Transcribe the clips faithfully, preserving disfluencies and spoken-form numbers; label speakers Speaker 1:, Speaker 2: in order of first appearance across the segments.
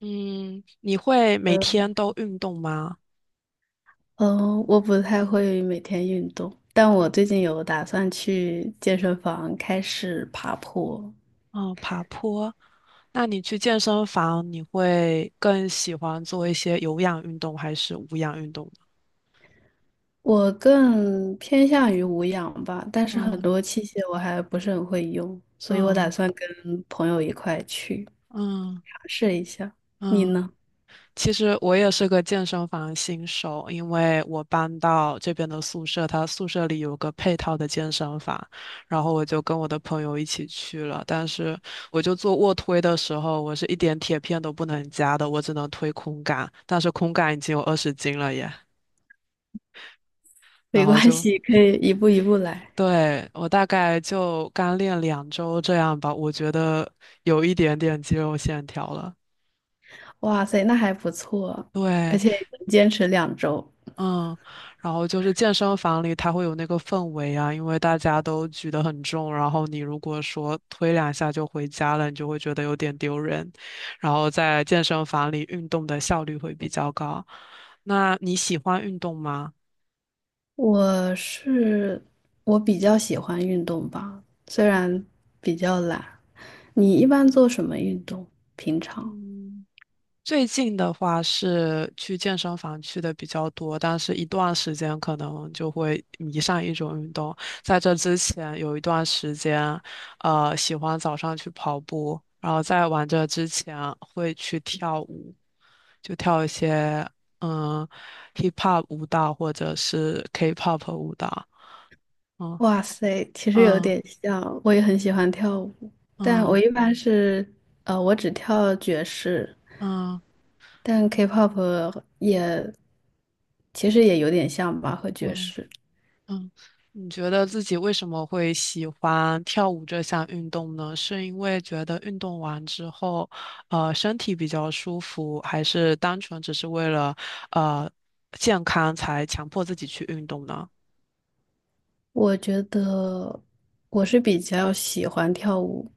Speaker 1: 嗯，你会每天都运动吗？
Speaker 2: 嗯，我不太会每天运动，但我最近有打算去健身房开始爬坡。
Speaker 1: 哦，爬坡。那你去健身房，你会更喜欢做一些有氧运动还是无氧运动呢？
Speaker 2: 我更偏向于无氧吧，但是很
Speaker 1: 嗯
Speaker 2: 多器械我还不是很会用，所以我打
Speaker 1: 嗯
Speaker 2: 算跟朋友一块去尝
Speaker 1: 嗯
Speaker 2: 试一下。你
Speaker 1: 嗯。
Speaker 2: 呢？
Speaker 1: 其实我也是个健身房新手，因为我搬到这边的宿舍，它宿舍里有个配套的健身房，然后我就跟我的朋友一起去了。但是我就做卧推的时候，我是一点铁片都不能加的，我只能推空杆，但是空杆已经有二十斤了耶。然
Speaker 2: 没
Speaker 1: 后
Speaker 2: 关
Speaker 1: 就，
Speaker 2: 系，可以一步一步来。
Speaker 1: 对，我大概就刚练两周这样吧，我觉得有一点点肌肉线条了。
Speaker 2: 哇塞，那还不错，而
Speaker 1: 对，
Speaker 2: 且能坚持两周。
Speaker 1: 嗯，然后就是健身房里它会有那个氛围啊，因为大家都举得很重，然后你如果说推两下就回家了，你就会觉得有点丢人。然后在健身房里运动的效率会比较高。那你喜欢运动吗？
Speaker 2: 我是我比较喜欢运动吧，虽然比较懒。你
Speaker 1: 嗯。
Speaker 2: 一般做什么运动？平常？
Speaker 1: 嗯，最近的话是去健身房去的比较多，但是一段时间可能就会迷上一种运动。在这之前有一段时间，呃，喜欢早上去跑步，然后在玩这之前会去跳舞，就跳一些嗯 hip hop 舞蹈或者是 K-pop 舞蹈。嗯
Speaker 2: 哇塞，其实有
Speaker 1: 嗯
Speaker 2: 点像，我也很喜欢跳舞，但我
Speaker 1: 嗯
Speaker 2: 一般是，呃，我只跳爵士，
Speaker 1: 嗯
Speaker 2: 但 K-pop 也其实也有点像吧，和爵
Speaker 1: 嗯
Speaker 2: 士。
Speaker 1: 嗯，你觉得自己为什么会喜欢跳舞这项运动呢？是因为觉得运动完之后，呃，身体比较舒服，还是单纯只是为了呃健康才强迫自己去运动呢？
Speaker 2: 我觉得我是比较喜欢跳舞，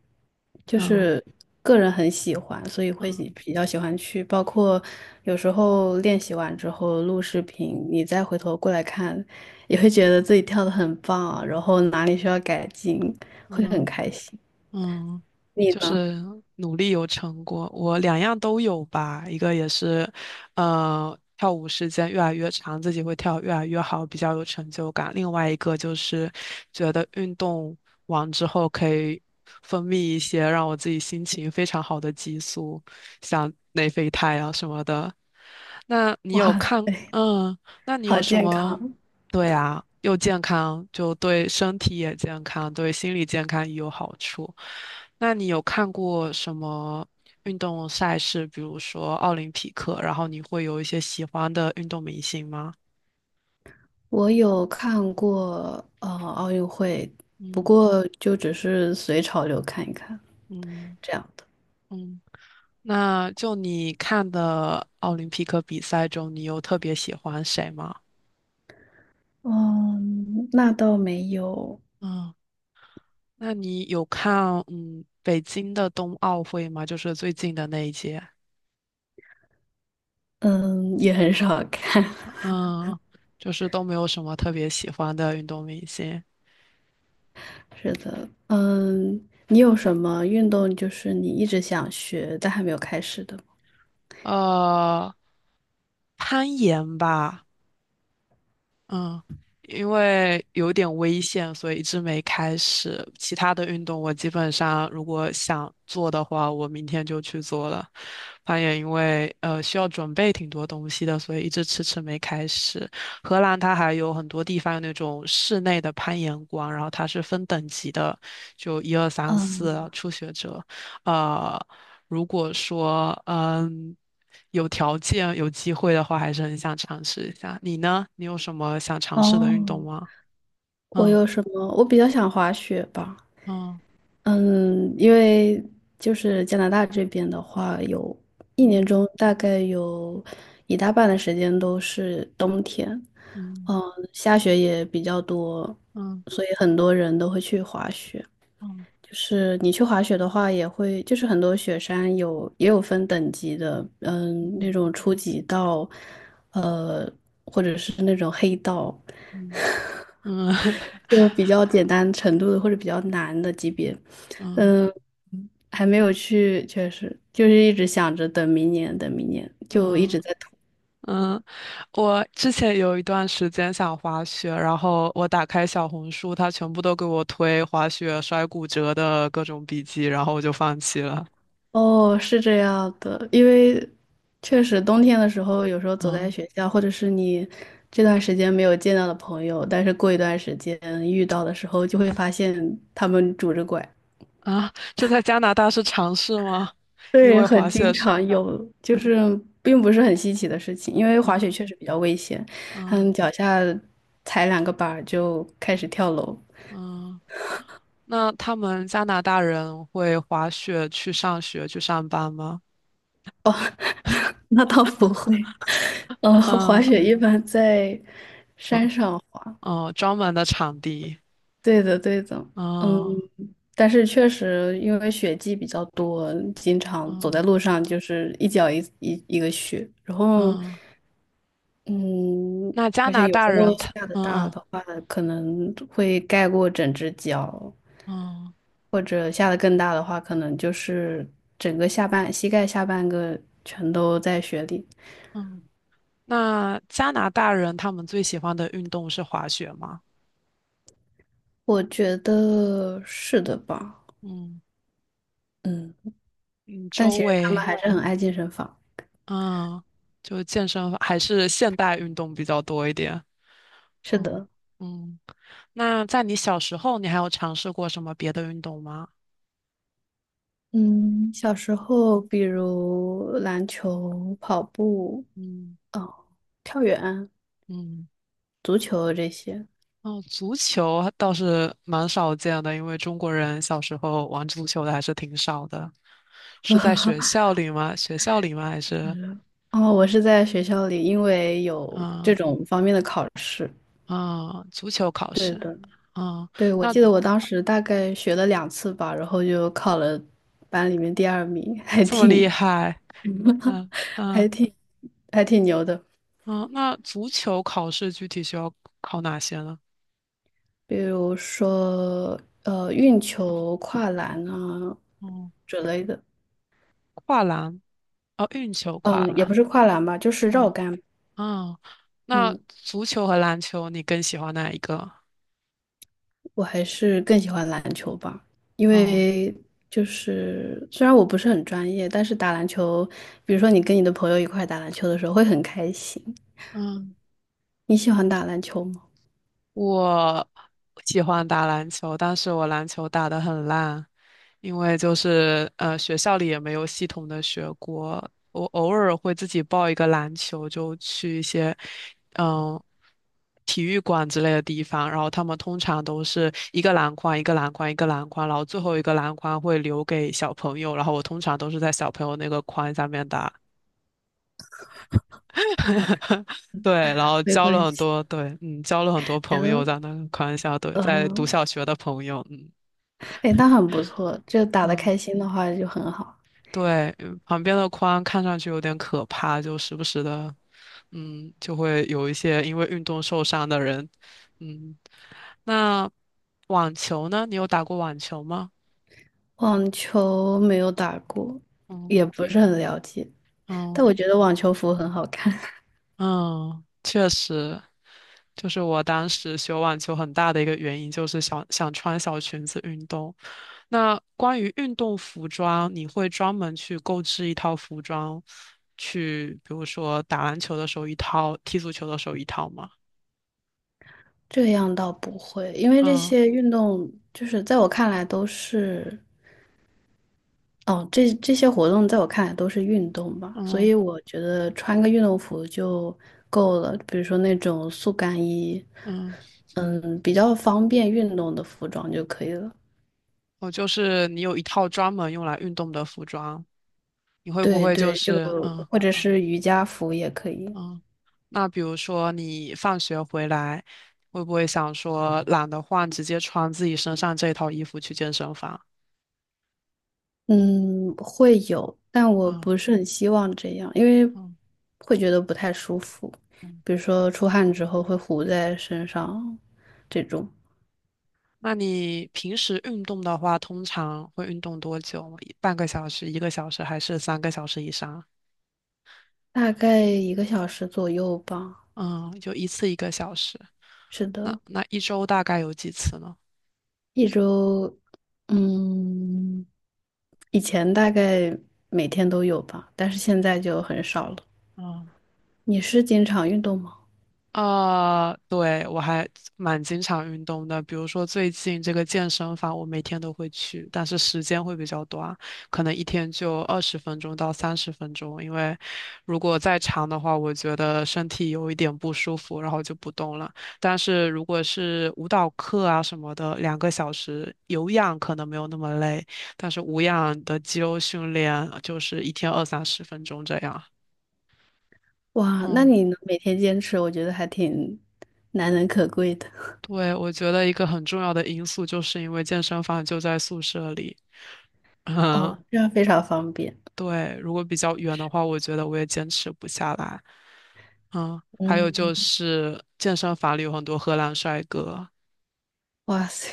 Speaker 2: 就
Speaker 1: 嗯
Speaker 2: 是个人很喜欢，所以会
Speaker 1: 嗯
Speaker 2: 喜比较喜欢去。包括有时候练习完之后录视频，你再回头过来看，也会觉得自己跳的很棒，然后哪里需要改进，会很
Speaker 1: 嗯。
Speaker 2: 开心。
Speaker 1: 嗯，
Speaker 2: 你
Speaker 1: 就
Speaker 2: 呢？
Speaker 1: 是努力有成果，我两样都有吧。一个也是，呃，跳舞时间越来越长，自己会跳越来越好，比较有成就感。另外一个就是觉得运动完之后可以分泌一些让我自己心情非常好的激素，像内啡肽啊什么的。那 你有
Speaker 2: 哇
Speaker 1: 看，
Speaker 2: 塞，
Speaker 1: 嗯，那你有
Speaker 2: 好
Speaker 1: 什
Speaker 2: 健
Speaker 1: 么？
Speaker 2: 康！
Speaker 1: 对啊，又健康，就对身体也健康，对心理健康也有好处。那你有看过什么运动赛事，比如说奥林匹克，然后你会有一些喜欢的运动明星吗？
Speaker 2: 我有看过呃奥运会，不
Speaker 1: 嗯
Speaker 2: 过就只是随潮流看一看
Speaker 1: 嗯
Speaker 2: 这样。
Speaker 1: 嗯。那就你看的奥林匹克比赛中，你有特别喜欢谁吗？
Speaker 2: 嗯，那倒没有，
Speaker 1: 嗯，那你有看嗯北京的冬奥会吗？就是最近的那一届。
Speaker 2: 嗯，也很少看。
Speaker 1: 嗯，就是都没有什么特别喜欢的运动明星。
Speaker 2: 是的，嗯，你有什么运动就是你一直想学但还没有开始的吗？
Speaker 1: 呃，攀岩吧，嗯，因为有点危险，所以一直没开始。其他的运动我基本上如果想做的话，我明天就去做了。攀岩因为呃需要准备挺多东西的，所以一直迟迟没开始。荷兰它还有很多地方有那种室内的攀岩馆，然后它是分等级的，就一二三
Speaker 2: 嗯，
Speaker 1: 四初学者。呃，如果说嗯。有条件、有机会的话，还是很想尝试一下。你呢？你有什么想尝试的运
Speaker 2: 哦，
Speaker 1: 动吗？
Speaker 2: 我
Speaker 1: 嗯
Speaker 2: 有什么？我比较想滑雪吧。
Speaker 1: 嗯
Speaker 2: 嗯，因为就是加拿大这边的话，有一年
Speaker 1: 嗯
Speaker 2: 中大概有一大半的时间都是冬天，嗯，下雪也比较多，
Speaker 1: 嗯
Speaker 2: 所以很多人都会去滑雪。
Speaker 1: 嗯
Speaker 2: 就是你去滑雪的话，也会就是很多雪山有也有分等级的，嗯，那种初级道，呃，或者是那种黑道，
Speaker 1: 嗯嗯嗯
Speaker 2: 就是比较简单程度的或者比较难的级别，
Speaker 1: 嗯
Speaker 2: 嗯，还没有去，确实就是一直想着等明年，等明年，就一
Speaker 1: 嗯
Speaker 2: 直在拖。
Speaker 1: 嗯，我之前有一段时间想滑雪，然后我打开小红书，它全部都给我推滑雪摔骨折的各种笔记，然后我就放弃了。
Speaker 2: 哦，是这样的，因为确实冬天的时候，有时候走在
Speaker 1: 嗯
Speaker 2: 学校，或者是你这段时间没有见到的朋友，但是过一段时间遇到的时候，就会发现他们拄着拐。
Speaker 1: 啊，这在加拿大是常事吗？因
Speaker 2: 对，
Speaker 1: 为
Speaker 2: 很
Speaker 1: 滑
Speaker 2: 经
Speaker 1: 雪是
Speaker 2: 常有，就是并不是很稀奇的事情，因为滑雪
Speaker 1: 嗯
Speaker 2: 确实比较危险，
Speaker 1: 嗯
Speaker 2: 嗯，脚下踩两个板儿就开始跳楼。
Speaker 1: 嗯。那他们加拿大人会滑雪去上学去上班吗？
Speaker 2: 哦，那倒不会，嗯，滑
Speaker 1: 嗯
Speaker 2: 雪一般在
Speaker 1: 嗯
Speaker 2: 山上。滑。
Speaker 1: 嗯，专门的场地。
Speaker 2: 对的，对的，嗯，
Speaker 1: 嗯
Speaker 2: 但是确实因为雪季比较多，经常走在
Speaker 1: 嗯
Speaker 2: 路上就是一脚一一一个雪，然后，
Speaker 1: 嗯，
Speaker 2: 嗯，
Speaker 1: 那加
Speaker 2: 而且
Speaker 1: 拿
Speaker 2: 有
Speaker 1: 大
Speaker 2: 时候
Speaker 1: 人他
Speaker 2: 下的
Speaker 1: 嗯
Speaker 2: 大
Speaker 1: 嗯
Speaker 2: 的话，可能会盖过整只脚，
Speaker 1: 嗯
Speaker 2: 或者下的更大的话，可能就是整个下半膝盖下半个全都在雪里。
Speaker 1: 嗯，那加拿大人他们最喜欢的运动是滑雪吗？
Speaker 2: 我觉得是的吧，
Speaker 1: 嗯
Speaker 2: 嗯，
Speaker 1: 嗯，
Speaker 2: 但
Speaker 1: 周
Speaker 2: 其实他们
Speaker 1: 围
Speaker 2: 还是很爱健身房，
Speaker 1: 嗯，就健身还是现代运动比较多一点。
Speaker 2: 是
Speaker 1: 嗯
Speaker 2: 的。
Speaker 1: 嗯，那在你小时候，你还有尝试过什么别的运动吗？
Speaker 2: 嗯，小时候比如篮球、跑步、
Speaker 1: 嗯。
Speaker 2: 哦，跳远、
Speaker 1: 嗯
Speaker 2: 足球这些。
Speaker 1: 哦，足球倒是蛮少见的，因为中国人小时候玩足球的还是挺少的。是在学校里吗？学校里吗？还是
Speaker 2: 哦，我是在学校里，因为有这
Speaker 1: 嗯
Speaker 2: 种方面的考试。
Speaker 1: 嗯，足球考
Speaker 2: 对
Speaker 1: 试？
Speaker 2: 的，
Speaker 1: 嗯，
Speaker 2: 对，我
Speaker 1: 那
Speaker 2: 记得我当时大概学了两次吧，然后就考了班里面第二名，还
Speaker 1: 这么
Speaker 2: 挺
Speaker 1: 厉害？嗯嗯
Speaker 2: 还挺还挺牛的。
Speaker 1: 嗯，那足球考试具体需要考哪些呢？
Speaker 2: 比如说，呃，运球、跨栏啊
Speaker 1: 嗯，
Speaker 2: 之类的。
Speaker 1: 跨栏，哦，运球跨
Speaker 2: 嗯，也
Speaker 1: 栏。
Speaker 2: 不是跨栏吧，就是绕
Speaker 1: 嗯
Speaker 2: 杆。
Speaker 1: 嗯，那
Speaker 2: 嗯，
Speaker 1: 足球和篮球你更喜欢哪一个？
Speaker 2: 我还是更喜欢篮球吧，因
Speaker 1: 哦
Speaker 2: 为就是虽然我不是很专业，但是打篮球，比如说你跟你的朋友一块打篮球的时候会很开心。
Speaker 1: 嗯。
Speaker 2: 你喜欢打篮球吗？
Speaker 1: 我喜欢打篮球，但是我篮球打得很烂，因为就是呃学校里也没有系统的学过。我偶尔会自己报一个篮球，就去一些嗯体育馆之类的地方，然后他们通常都是一个篮筐一个篮筐一个篮筐，然后最后一个篮筐会留给小朋友，然后我通常都是在小朋友那个筐下面打。对，然后
Speaker 2: 没
Speaker 1: 交了
Speaker 2: 关
Speaker 1: 很
Speaker 2: 系，
Speaker 1: 多，对，嗯，交了很多
Speaker 2: 然
Speaker 1: 朋友
Speaker 2: 后
Speaker 1: 在那个宽校，对，在读
Speaker 2: 嗯，
Speaker 1: 小学的朋友，嗯
Speaker 2: 哎，那很不错，就打得
Speaker 1: 嗯，
Speaker 2: 开心的话就很好。
Speaker 1: 对，嗯旁边的宽看上去有点可怕，就时不时的，嗯，就会有一些因为运动受伤的人，嗯，那网球呢？你有打过网球吗？
Speaker 2: 网球没有打过，
Speaker 1: 嗯，
Speaker 2: 也不
Speaker 1: 你，
Speaker 2: 是很了解，但我
Speaker 1: 嗯。
Speaker 2: 觉得网球服很好看。
Speaker 1: 嗯，确实，就是我当时学网球很大的一个原因就是想想穿小裙子运动。那关于运动服装，你会专门去购置一套服装，去比如说打篮球的时候一套，踢足球的时候一套吗？
Speaker 2: 这样倒不会，因为这
Speaker 1: 嗯
Speaker 2: 些运动就是在我看来都是。哦，这这些活动在我看来都是运动吧，所
Speaker 1: 嗯
Speaker 2: 以我觉得穿个运动服就够了。比如说那种速干衣，
Speaker 1: 嗯，
Speaker 2: 嗯，比较方便运动的服装就可以了。
Speaker 1: 我就是你有一套专门用来运动的服装，你会不
Speaker 2: 对
Speaker 1: 会就
Speaker 2: 对，就
Speaker 1: 是嗯？
Speaker 2: 或者是瑜伽服也可以。
Speaker 1: 嗯，那比如说你放学回来，会不会想说懒得换，直接穿自己身上这套衣服去健身房？
Speaker 2: 嗯，会有，但我
Speaker 1: 嗯
Speaker 2: 不是很希望这样，因为
Speaker 1: 嗯
Speaker 2: 会觉得不太舒服，
Speaker 1: 嗯。
Speaker 2: 比如说出汗之后会糊在身上，这种
Speaker 1: 那你平时运动的话，通常会运动多久？半个小时、一个小时，还是三个小时以上？
Speaker 2: 大概一个小时左右吧。
Speaker 1: 嗯，就一次一个小时。
Speaker 2: 是
Speaker 1: 那
Speaker 2: 的，
Speaker 1: 那一周大概有几次呢？
Speaker 2: 一周，嗯，以前大概每天都有吧，但是现在就很少了。
Speaker 1: 嗯。
Speaker 2: 你是经常运动吗？
Speaker 1: 啊，对，我还蛮经常运动的，比如说最近这个健身房，我每天都会去，但是时间会比较短，可能一天就二十分钟到三十分钟，因为如果再长的话，我觉得身体有一点不舒服，然后就不动了。但是如果是舞蹈课啊什么的，两个小时有氧可能没有那么累，但是无氧的肌肉训练就是一天二三十分钟这样。
Speaker 2: 哇，那
Speaker 1: 嗯。
Speaker 2: 你能每天坚持，我觉得还挺难能可贵的。
Speaker 1: 对，我觉得一个很重要的因素就是因为健身房就在宿舍里，嗯，
Speaker 2: 哦，这样非常方便。
Speaker 1: 对，如果比较远的话，我觉得我也坚持不下来。嗯，还有就
Speaker 2: 嗯，
Speaker 1: 是健身房里有很多荷兰帅哥，
Speaker 2: 哇塞，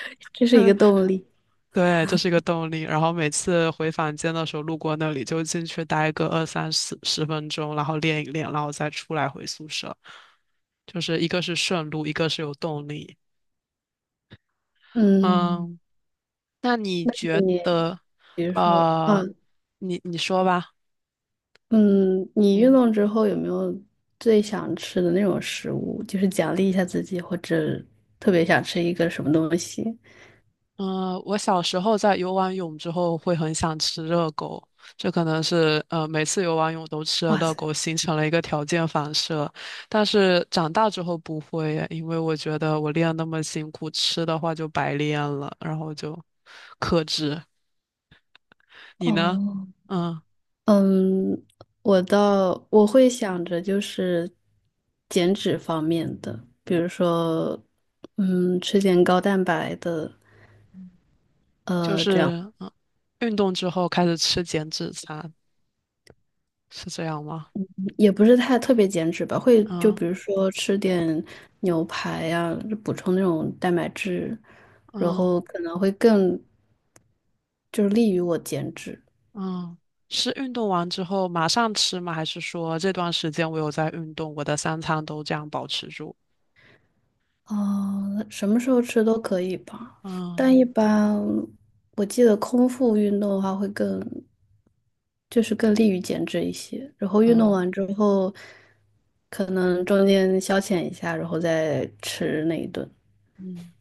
Speaker 2: 这是一个动力。
Speaker 1: 对，这是一个动力。然后每次回房间的时候路过那里，就进去待个二三十十分钟，然后练一练，然后再出来回宿舍。就是一个是顺路，一个是有动力。
Speaker 2: 嗯，
Speaker 1: 嗯，那你觉
Speaker 2: 你
Speaker 1: 得，
Speaker 2: 比如说，
Speaker 1: 呃，
Speaker 2: 嗯
Speaker 1: 你你说吧，
Speaker 2: 嗯，你运
Speaker 1: 嗯
Speaker 2: 动之后有没有最想吃的那种食物，就是奖励一下自己，或者特别想吃一个什么东西？
Speaker 1: 嗯、呃我小时候在游完泳之后会很想吃热狗，这可能是呃每次游完泳都吃了
Speaker 2: 哇
Speaker 1: 热
Speaker 2: 塞，
Speaker 1: 狗，形成了一个条件反射。但是长大之后不会耶，因为我觉得我练那么辛苦，吃的话就白练了，然后就克制。你呢？
Speaker 2: 哦，
Speaker 1: 嗯，
Speaker 2: 嗯，我倒我会想着就是减脂方面的，比如说，嗯，吃点高蛋白的，
Speaker 1: 就
Speaker 2: 呃，这样
Speaker 1: 是嗯，运动之后开始吃减脂餐，是这样吗？
Speaker 2: 也不是太特别减脂吧，会就
Speaker 1: 嗯
Speaker 2: 比如说吃点牛排呀、补充那种蛋白质，然
Speaker 1: 嗯。
Speaker 2: 后可能会更就是利于我减脂。
Speaker 1: 嗯，是运动完之后马上吃吗？还是说这段时间我有在运动，我的三餐都这样保持住？
Speaker 2: 啊，什么时候吃都可以吧，但
Speaker 1: 嗯
Speaker 2: 一般我记得空腹运动的话会更。就是更利于减脂一些。然后运动
Speaker 1: 嗯
Speaker 2: 完之后，可能中间消遣一下，然后再吃那一顿。
Speaker 1: 嗯，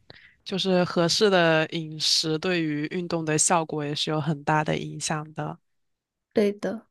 Speaker 1: 就是合适的饮食对于运动的效果也是有很大的影响的。
Speaker 2: 对的。